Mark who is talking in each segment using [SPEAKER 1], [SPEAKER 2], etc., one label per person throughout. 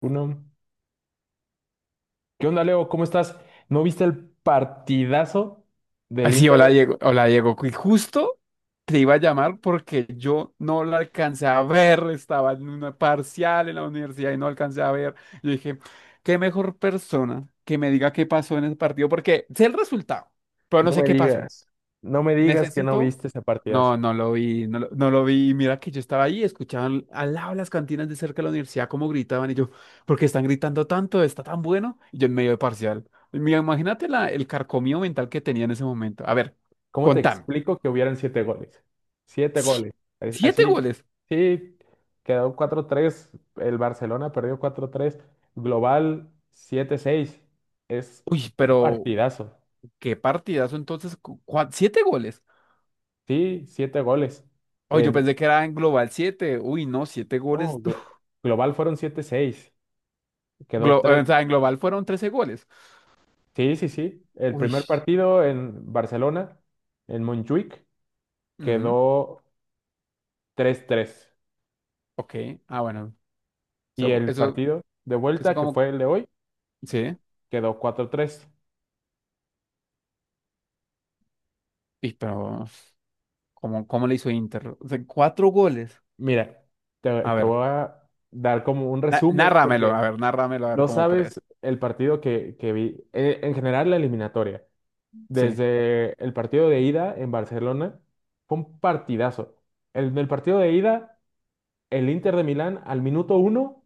[SPEAKER 1] Uno. ¿Qué onda, Leo? ¿Cómo estás? ¿No viste el partidazo del
[SPEAKER 2] Así, hola
[SPEAKER 1] Inter?
[SPEAKER 2] Diego, y justo te iba a llamar porque yo no la alcancé a ver, estaba en una parcial en la universidad y no alcancé a ver. Yo dije, qué mejor persona que me diga qué pasó en ese partido, porque sé el resultado, pero no
[SPEAKER 1] No
[SPEAKER 2] sé
[SPEAKER 1] me
[SPEAKER 2] qué pasó.
[SPEAKER 1] digas, no me digas que no
[SPEAKER 2] Necesito
[SPEAKER 1] viste ese partidazo.
[SPEAKER 2] No, no lo vi, no lo vi. Y mira que yo estaba ahí, escuchaban al lado de las cantinas de cerca de la universidad cómo gritaban y yo, ¿por qué están gritando tanto? ¿Está tan bueno? Y yo en medio de parcial. Mira, imagínate el carcomido mental que tenía en ese momento. A ver,
[SPEAKER 1] ¿Cómo te
[SPEAKER 2] contame.
[SPEAKER 1] explico que hubieran siete goles? Siete
[SPEAKER 2] Sí,
[SPEAKER 1] goles. Es-
[SPEAKER 2] siete
[SPEAKER 1] Así,
[SPEAKER 2] goles.
[SPEAKER 1] sí, quedó 4-3. El Barcelona perdió 4-3, global 7-6. Es
[SPEAKER 2] Uy,
[SPEAKER 1] un
[SPEAKER 2] pero
[SPEAKER 1] partidazo.
[SPEAKER 2] qué partidazo entonces. Siete goles.
[SPEAKER 1] Sí, siete goles.
[SPEAKER 2] Uy, yo
[SPEAKER 1] En,
[SPEAKER 2] pensé que era en global siete. Uy, no, siete goles.
[SPEAKER 1] no, global fueron 7-6. Quedó tres.
[SPEAKER 2] O sea, en global fueron 13 goles.
[SPEAKER 1] Sí, sí, sí. El
[SPEAKER 2] Uy.
[SPEAKER 1] primer partido en Barcelona, en Montjuic,
[SPEAKER 2] Ujú.
[SPEAKER 1] quedó 3-3.
[SPEAKER 2] Ok. Ah, bueno.
[SPEAKER 1] Y
[SPEAKER 2] Eso,
[SPEAKER 1] el
[SPEAKER 2] eso,
[SPEAKER 1] partido de
[SPEAKER 2] eso
[SPEAKER 1] vuelta, que
[SPEAKER 2] como.
[SPEAKER 1] fue el de hoy,
[SPEAKER 2] Sí.
[SPEAKER 1] quedó 4-3.
[SPEAKER 2] Y, pero, ¿cómo, cómo le hizo Inter? O sea, cuatro goles.
[SPEAKER 1] Mira, te,
[SPEAKER 2] A
[SPEAKER 1] te voy
[SPEAKER 2] ver,
[SPEAKER 1] a dar como un resumen,
[SPEAKER 2] nárramelo,
[SPEAKER 1] porque
[SPEAKER 2] a ver, nárramelo, a ver
[SPEAKER 1] no
[SPEAKER 2] cómo
[SPEAKER 1] sabes
[SPEAKER 2] puedes.
[SPEAKER 1] el partido que vi. En general, la eliminatoria.
[SPEAKER 2] Sí.
[SPEAKER 1] Desde el partido de ida en Barcelona, fue un partidazo. En el partido de ida, el Inter de Milán al minuto uno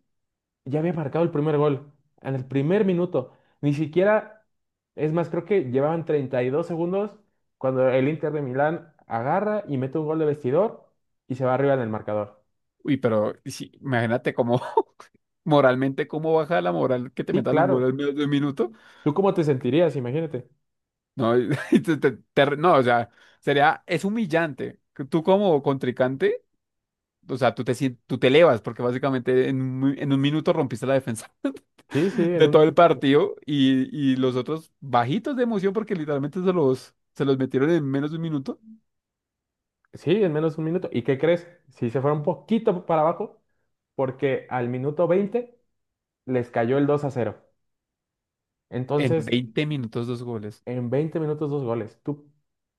[SPEAKER 1] ya había marcado el primer gol en el primer minuto. Ni siquiera, es más, creo que llevaban 32 segundos cuando el Inter de Milán agarra y mete un gol de vestidor y se va arriba en el marcador.
[SPEAKER 2] Uy, pero sí, imagínate cómo, moralmente, cómo baja la moral que te
[SPEAKER 1] Sí,
[SPEAKER 2] metan un
[SPEAKER 1] claro.
[SPEAKER 2] gol al menos de un minuto.
[SPEAKER 1] ¿Tú cómo te sentirías? Imagínate.
[SPEAKER 2] No, no, o sea, sería, es humillante. Que Tú como contrincante, o sea, tú te elevas porque básicamente en un minuto rompiste la defensa
[SPEAKER 1] Sí, sí, en
[SPEAKER 2] de
[SPEAKER 1] un
[SPEAKER 2] todo el
[SPEAKER 1] minuto.
[SPEAKER 2] partido y los otros bajitos de emoción porque literalmente se los metieron en menos de un minuto.
[SPEAKER 1] Sí, en menos de un minuto. ¿Y qué crees? Si se fue un poquito para abajo, porque al minuto 20 les cayó el 2-0.
[SPEAKER 2] En
[SPEAKER 1] Entonces,
[SPEAKER 2] 20 minutos, dos goles.
[SPEAKER 1] en 20 minutos, dos goles. ¿Tú,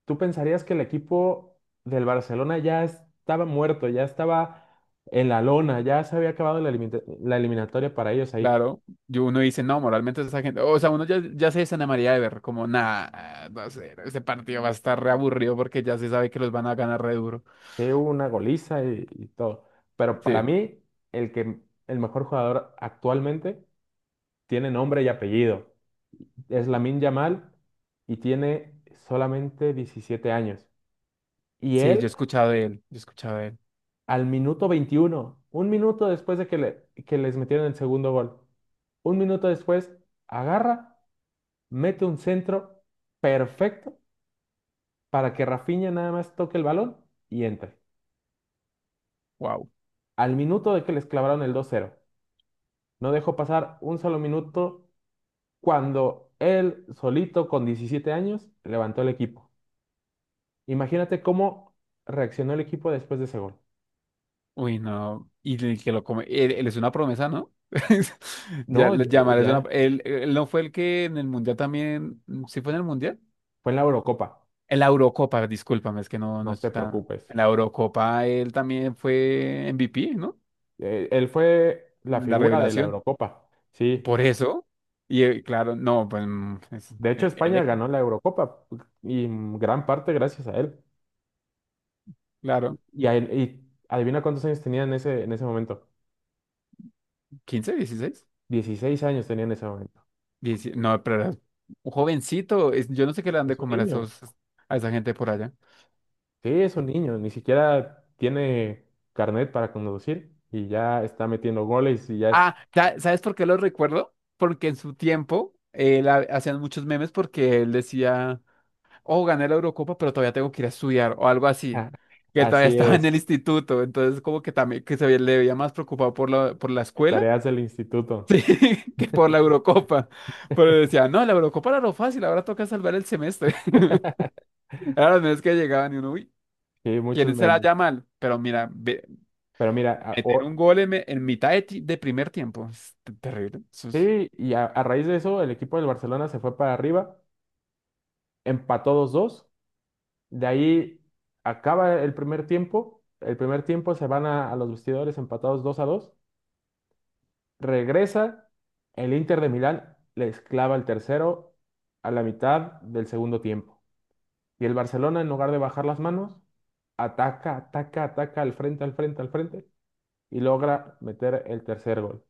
[SPEAKER 1] tú pensarías que el equipo del Barcelona ya estaba muerto, ya estaba en la lona, ya se había acabado la eliminatoria para ellos ahí?
[SPEAKER 2] Claro, yo uno dice, no, moralmente esa gente, o sea, uno ya, ya se desanamaría de ver como, nada, no sé, ese partido va a estar re aburrido porque ya se sabe que los van a ganar re duro.
[SPEAKER 1] Sí, hubo una goliza y todo. Pero para
[SPEAKER 2] Sí,
[SPEAKER 1] mí, el que el mejor jugador actualmente tiene nombre y apellido. Es Lamine Yamal y tiene solamente 17 años. Y
[SPEAKER 2] sí, yo
[SPEAKER 1] él
[SPEAKER 2] he escuchado de él, yo he escuchado de él.
[SPEAKER 1] al minuto 21, un minuto después de que les metieron el segundo gol. Un minuto después, agarra, mete un centro perfecto para que Rafinha nada más toque el balón y entre.
[SPEAKER 2] Wow.
[SPEAKER 1] Al minuto de que les clavaron el 2-0, no dejó pasar un solo minuto cuando él solito, con 17 años, levantó el equipo. Imagínate cómo reaccionó el equipo después de ese gol.
[SPEAKER 2] Uy, no, y el que lo come, él es una promesa, ¿no?
[SPEAKER 1] No, ya
[SPEAKER 2] Llamar es
[SPEAKER 1] ya,
[SPEAKER 2] una, él no fue el que en el Mundial también, ¿sí fue en el Mundial?
[SPEAKER 1] fue en la Eurocopa.
[SPEAKER 2] En la Eurocopa, discúlpame, es que no,
[SPEAKER 1] No
[SPEAKER 2] no
[SPEAKER 1] te
[SPEAKER 2] estoy tan,
[SPEAKER 1] preocupes.
[SPEAKER 2] en la Eurocopa él también fue MVP, ¿no?
[SPEAKER 1] Él fue la
[SPEAKER 2] La
[SPEAKER 1] figura de la
[SPEAKER 2] revelación.
[SPEAKER 1] Eurocopa, sí.
[SPEAKER 2] Por eso, y claro, no, pues es,
[SPEAKER 1] De hecho,
[SPEAKER 2] ¿el
[SPEAKER 1] España
[SPEAKER 2] de qué?
[SPEAKER 1] ganó la Eurocopa y en gran parte gracias a él.
[SPEAKER 2] Claro,
[SPEAKER 1] Y adivina cuántos años tenía en ese momento.
[SPEAKER 2] 15 16
[SPEAKER 1] 16 años tenía en ese momento.
[SPEAKER 2] 17, no, pero era un jovencito, yo no sé qué le dan
[SPEAKER 1] Es
[SPEAKER 2] de
[SPEAKER 1] un
[SPEAKER 2] comer a
[SPEAKER 1] niño.
[SPEAKER 2] esos, a esa gente por allá.
[SPEAKER 1] Sí, es un niño. Ni siquiera tiene carnet para conducir y ya está metiendo goles y ya es...
[SPEAKER 2] Ah, ¿sabes por qué lo recuerdo? Porque en su tiempo él hacían muchos memes porque él decía, oh, gané la Eurocopa, pero todavía tengo que ir a estudiar o algo así. Que él todavía
[SPEAKER 1] Así
[SPEAKER 2] estaba en el
[SPEAKER 1] es.
[SPEAKER 2] instituto, entonces como que también que le veía más preocupado por la escuela.
[SPEAKER 1] Tareas del instituto.
[SPEAKER 2] Sí, que por la Eurocopa. Pero decía, no, la Eurocopa era lo fácil, ahora toca salvar el semestre. Era las veces que llegaban y uno, uy,
[SPEAKER 1] Sí,
[SPEAKER 2] ¿quién
[SPEAKER 1] muchos
[SPEAKER 2] será
[SPEAKER 1] memes.
[SPEAKER 2] ya mal? Pero mira,
[SPEAKER 1] Pero mira,
[SPEAKER 2] meter un gol en mitad de, de primer tiempo es terrible. Eso es
[SPEAKER 1] sí, y a raíz de eso, el equipo del Barcelona se fue para arriba, empató 2-2. De ahí acaba el primer tiempo. El primer tiempo se van a los vestidores empatados 2-2. Regresa el Inter de Milán, les clava el tercero a la mitad del segundo tiempo. Y el Barcelona, en lugar de bajar las manos, ataca, ataca, ataca al frente, al frente, al frente y logra meter el tercer gol.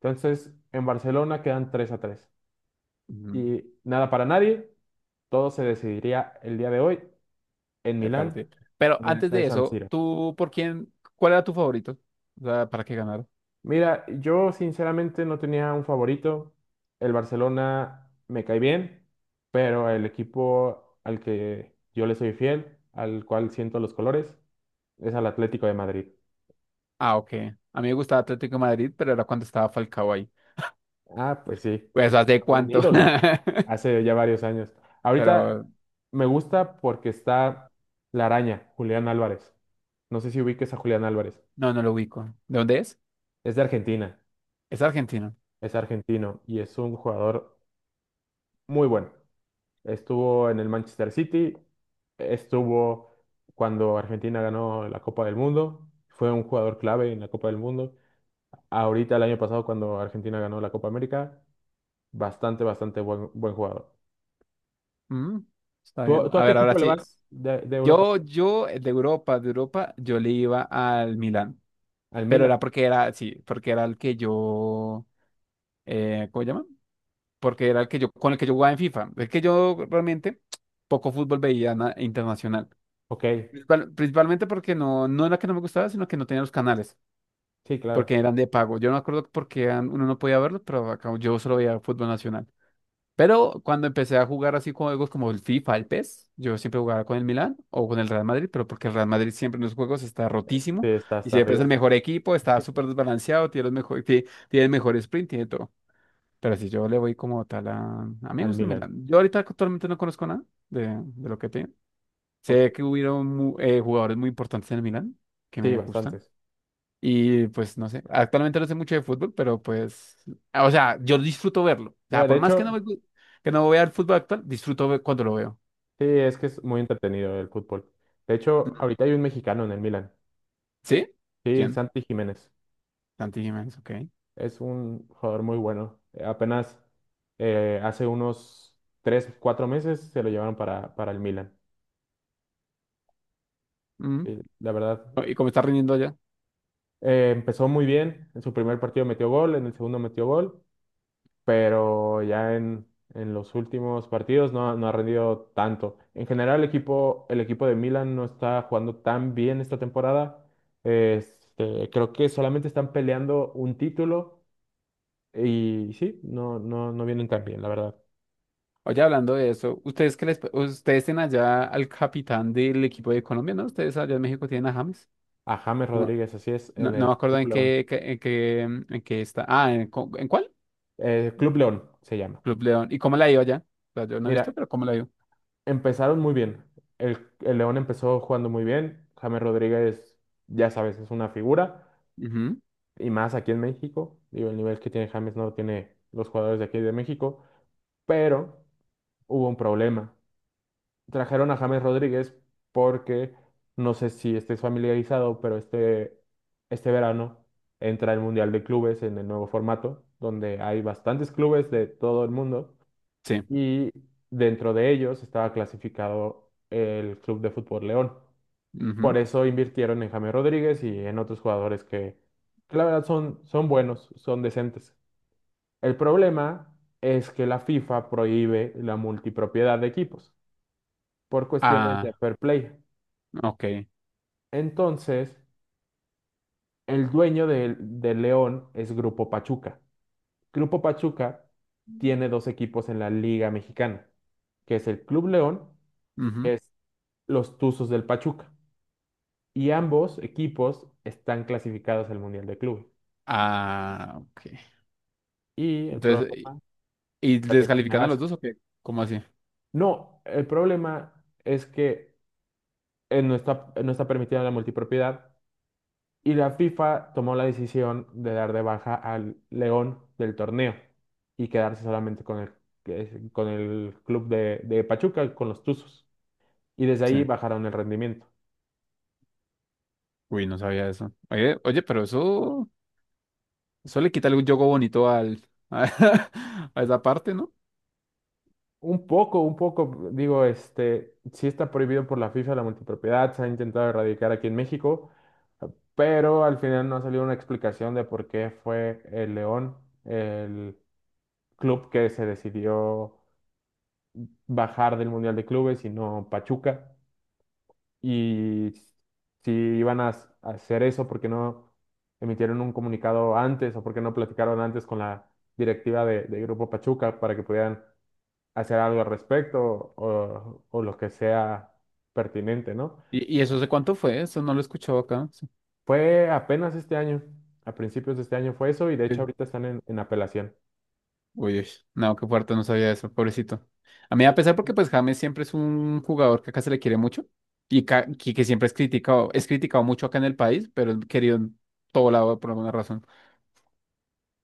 [SPEAKER 1] Entonces, en Barcelona quedan 3-3.
[SPEAKER 2] mm,
[SPEAKER 1] Y nada para nadie, todo se decidiría el día de hoy en
[SPEAKER 2] de
[SPEAKER 1] Milán,
[SPEAKER 2] parte. Pero
[SPEAKER 1] en el
[SPEAKER 2] antes
[SPEAKER 1] estadio
[SPEAKER 2] de
[SPEAKER 1] San
[SPEAKER 2] eso,
[SPEAKER 1] Siro.
[SPEAKER 2] ¿tú por quién? ¿Cuál era tu favorito? O sea, ¿para qué ganar?
[SPEAKER 1] Mira, yo sinceramente no tenía un favorito. El Barcelona me cae bien, pero el equipo al que yo le soy fiel, al cual siento los colores, es al Atlético de Madrid.
[SPEAKER 2] Ah, ok. A mí me gustaba Atlético de Madrid, pero era cuando estaba Falcao ahí.
[SPEAKER 1] Ah, pues sí,
[SPEAKER 2] Pues,
[SPEAKER 1] sí,
[SPEAKER 2] ¿hace
[SPEAKER 1] un
[SPEAKER 2] cuánto?
[SPEAKER 1] ídolo, hace ya varios años.
[SPEAKER 2] Pero
[SPEAKER 1] Ahorita me gusta porque está la araña, Julián Álvarez. No sé si ubiques a Julián Álvarez.
[SPEAKER 2] no, no lo ubico. ¿De dónde es?
[SPEAKER 1] Es de Argentina,
[SPEAKER 2] Es argentino.
[SPEAKER 1] es argentino y es un jugador muy bueno. Estuvo en el Manchester City, estuvo cuando Argentina ganó la Copa del Mundo, fue un jugador clave en la Copa del Mundo. Ahorita el año pasado cuando Argentina ganó la Copa América, bastante, bastante buen, buen jugador.
[SPEAKER 2] Mm, está
[SPEAKER 1] ¿Tú,
[SPEAKER 2] bien.
[SPEAKER 1] tú
[SPEAKER 2] A
[SPEAKER 1] a qué
[SPEAKER 2] ver, ahora
[SPEAKER 1] equipo le
[SPEAKER 2] sí.
[SPEAKER 1] vas de Europa?
[SPEAKER 2] Yo, de Europa, yo le iba al Milán.
[SPEAKER 1] ¿Al
[SPEAKER 2] Pero
[SPEAKER 1] Milan?
[SPEAKER 2] era porque era, sí, porque era el que yo, ¿cómo se llama? Porque era el que yo, con el que yo jugaba en FIFA. Es que yo realmente poco fútbol veía internacional.
[SPEAKER 1] Ok,
[SPEAKER 2] Principalmente porque no, no era que no me gustaba, sino que no tenía los canales,
[SPEAKER 1] sí, claro.
[SPEAKER 2] porque eran de pago. Yo no me acuerdo por qué uno no podía verlos, pero acá yo solo veía fútbol nacional. Pero cuando empecé a jugar así con juegos como el FIFA, el PES, yo siempre jugaba con el Milán o con el Real Madrid, pero porque el Real Madrid siempre en los juegos está
[SPEAKER 1] Sí,
[SPEAKER 2] rotísimo
[SPEAKER 1] está
[SPEAKER 2] y
[SPEAKER 1] hasta
[SPEAKER 2] siempre es
[SPEAKER 1] arriba,
[SPEAKER 2] el mejor equipo, está súper desbalanceado, tiene, los mejor, tiene, el mejor sprint, tiene todo. Pero si yo le voy como tal a... A mí me
[SPEAKER 1] al
[SPEAKER 2] gusta el
[SPEAKER 1] Milan.
[SPEAKER 2] Milán. Yo ahorita actualmente no conozco nada de lo que tiene.
[SPEAKER 1] Ok,
[SPEAKER 2] Sé que hubieron jugadores muy importantes en el Milán que
[SPEAKER 1] sí,
[SPEAKER 2] me gustan.
[SPEAKER 1] bastantes.
[SPEAKER 2] Y pues no sé, actualmente no sé mucho de fútbol, pero pues, ah, o sea, yo disfruto verlo. O sea,
[SPEAKER 1] Mira, de
[SPEAKER 2] por más que
[SPEAKER 1] hecho,
[SPEAKER 2] que no vea el fútbol actual, disfruto cuando lo veo.
[SPEAKER 1] sí, es que es muy entretenido el fútbol. De hecho, ahorita hay un mexicano en el Milan.
[SPEAKER 2] ¿Sí?
[SPEAKER 1] Sí,
[SPEAKER 2] ¿Quién?
[SPEAKER 1] Santi Jiménez.
[SPEAKER 2] Santi Jiménez, ok.
[SPEAKER 1] Es un jugador muy bueno. Apenas hace unos 3, 4 meses se lo llevaron para, el Milan.
[SPEAKER 2] Mm.
[SPEAKER 1] Y la verdad,
[SPEAKER 2] Oh, ¿y cómo está rindiendo allá?
[SPEAKER 1] empezó muy bien. En su primer partido metió gol, en el segundo metió gol, pero ya en los últimos partidos no ha rendido tanto. En general, el equipo de Milan no está jugando tan bien esta temporada. Creo que solamente están peleando un título y sí, no, no, no vienen tan bien, la verdad.
[SPEAKER 2] Oye, hablando de eso, ¿ustedes qué les, ustedes tienen allá al capitán del equipo de Colombia, ¿no? Ustedes allá en México tienen a James.
[SPEAKER 1] A James
[SPEAKER 2] No,
[SPEAKER 1] Rodríguez, así es,
[SPEAKER 2] no,
[SPEAKER 1] en
[SPEAKER 2] no
[SPEAKER 1] el
[SPEAKER 2] me acuerdo
[SPEAKER 1] Club
[SPEAKER 2] en
[SPEAKER 1] León.
[SPEAKER 2] qué, en qué está. Ah, en cuál?
[SPEAKER 1] Club León se llama.
[SPEAKER 2] Club León. ¿Y cómo la ha ido allá? O sea, yo no he visto,
[SPEAKER 1] Mira,
[SPEAKER 2] pero ¿cómo la ha ido?
[SPEAKER 1] empezaron muy bien. El León empezó jugando muy bien. James Rodríguez, ya sabes, es una figura.
[SPEAKER 2] Ujú.
[SPEAKER 1] Y más aquí en México. Digo, el nivel que tiene James no lo tiene los jugadores de aquí de México. Pero hubo un problema. Trajeron a James Rodríguez porque, no sé si estés familiarizado, pero este verano entra el Mundial de Clubes en el nuevo formato, donde hay bastantes clubes de todo el mundo
[SPEAKER 2] Sí.
[SPEAKER 1] y dentro de ellos estaba clasificado el Club de Fútbol León. Por
[SPEAKER 2] Ujú.
[SPEAKER 1] eso invirtieron en James Rodríguez y en otros jugadores que la verdad son, buenos, son decentes. El problema es que la FIFA prohíbe la multipropiedad de equipos por cuestiones de
[SPEAKER 2] Ah,
[SPEAKER 1] fair play.
[SPEAKER 2] ok.
[SPEAKER 1] Entonces, el dueño del León es Grupo Pachuca. Grupo Pachuca tiene dos equipos en la Liga Mexicana, que es el Club León,
[SPEAKER 2] Ujú.
[SPEAKER 1] que es los Tuzos del Pachuca. Y ambos equipos están clasificados al Mundial de Clubes.
[SPEAKER 2] Ah, ok.
[SPEAKER 1] Y el
[SPEAKER 2] Entonces, ¿y
[SPEAKER 1] problema,
[SPEAKER 2] y
[SPEAKER 1] ya te
[SPEAKER 2] descalifican a
[SPEAKER 1] imaginarás,
[SPEAKER 2] los dos o qué? ¿Cómo así?
[SPEAKER 1] no, el problema es que no está permitida la multipropiedad y la FIFA tomó la decisión de dar de baja al León del torneo y quedarse solamente con el club de Pachuca, con los Tuzos. Y desde
[SPEAKER 2] Sí.
[SPEAKER 1] ahí bajaron el rendimiento.
[SPEAKER 2] Uy, no sabía eso. Oye, oye, pero eso le quita algún yogo bonito al, a, esa parte, ¿no?
[SPEAKER 1] Un poco, digo, sí está prohibido por la FIFA la multipropiedad, se ha intentado erradicar aquí en México, pero al final no ha salido una explicación de por qué fue el León, el club que se decidió bajar del Mundial de Clubes y no Pachuca, y si iban a hacer eso, ¿por qué no emitieron un comunicado antes o por qué no platicaron antes con la directiva de Grupo Pachuca para que pudieran hacer algo al respecto o lo que sea pertinente, ¿no?
[SPEAKER 2] ¿Y eso sé cuánto fue? Eso no lo he escuchado acá. Sí.
[SPEAKER 1] Fue apenas este año, a principios de este año fue eso y de hecho
[SPEAKER 2] Sí.
[SPEAKER 1] ahorita están en apelación.
[SPEAKER 2] Uy, uy, no, qué fuerte, no sabía eso, pobrecito. A mí, a
[SPEAKER 1] Sí.
[SPEAKER 2] pesar porque pues James siempre es un jugador que acá se le quiere mucho y que siempre es criticado mucho acá en el país, pero es querido en todo lado por alguna razón.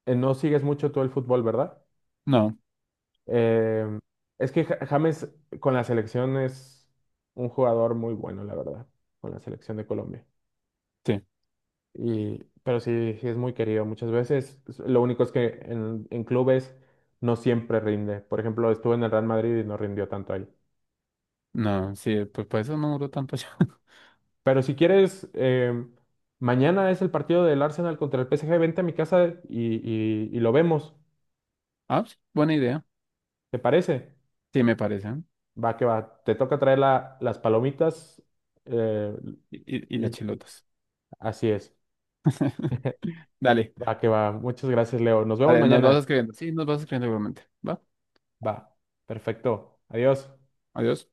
[SPEAKER 1] No sigues mucho tú el fútbol, ¿verdad?
[SPEAKER 2] No.
[SPEAKER 1] Eh, es que James con la selección es un jugador muy bueno, la verdad, con la selección de Colombia.
[SPEAKER 2] Sí.
[SPEAKER 1] Pero sí, sí es muy querido muchas veces. Lo único es que en clubes no siempre rinde. Por ejemplo, estuvo en el Real Madrid y no rindió tanto ahí.
[SPEAKER 2] No, sí, pues por eso no duró tanto ya.
[SPEAKER 1] Pero si quieres, mañana es el partido del Arsenal contra el PSG. Vente a mi casa y lo vemos.
[SPEAKER 2] Ah, sí, buena idea.
[SPEAKER 1] ¿Te parece?
[SPEAKER 2] Sí, me parece. ¿Eh?
[SPEAKER 1] Va que va. Te toca traer las palomitas. eh,
[SPEAKER 2] Y las
[SPEAKER 1] y
[SPEAKER 2] chilotas.
[SPEAKER 1] así es.
[SPEAKER 2] Dale,
[SPEAKER 1] Va que va. Muchas gracias, Leo. Nos vemos
[SPEAKER 2] dale, nos
[SPEAKER 1] mañana.
[SPEAKER 2] vas escribiendo. Sí, nos vas escribiendo igualmente. Va,
[SPEAKER 1] Va. Perfecto. Adiós.
[SPEAKER 2] adiós.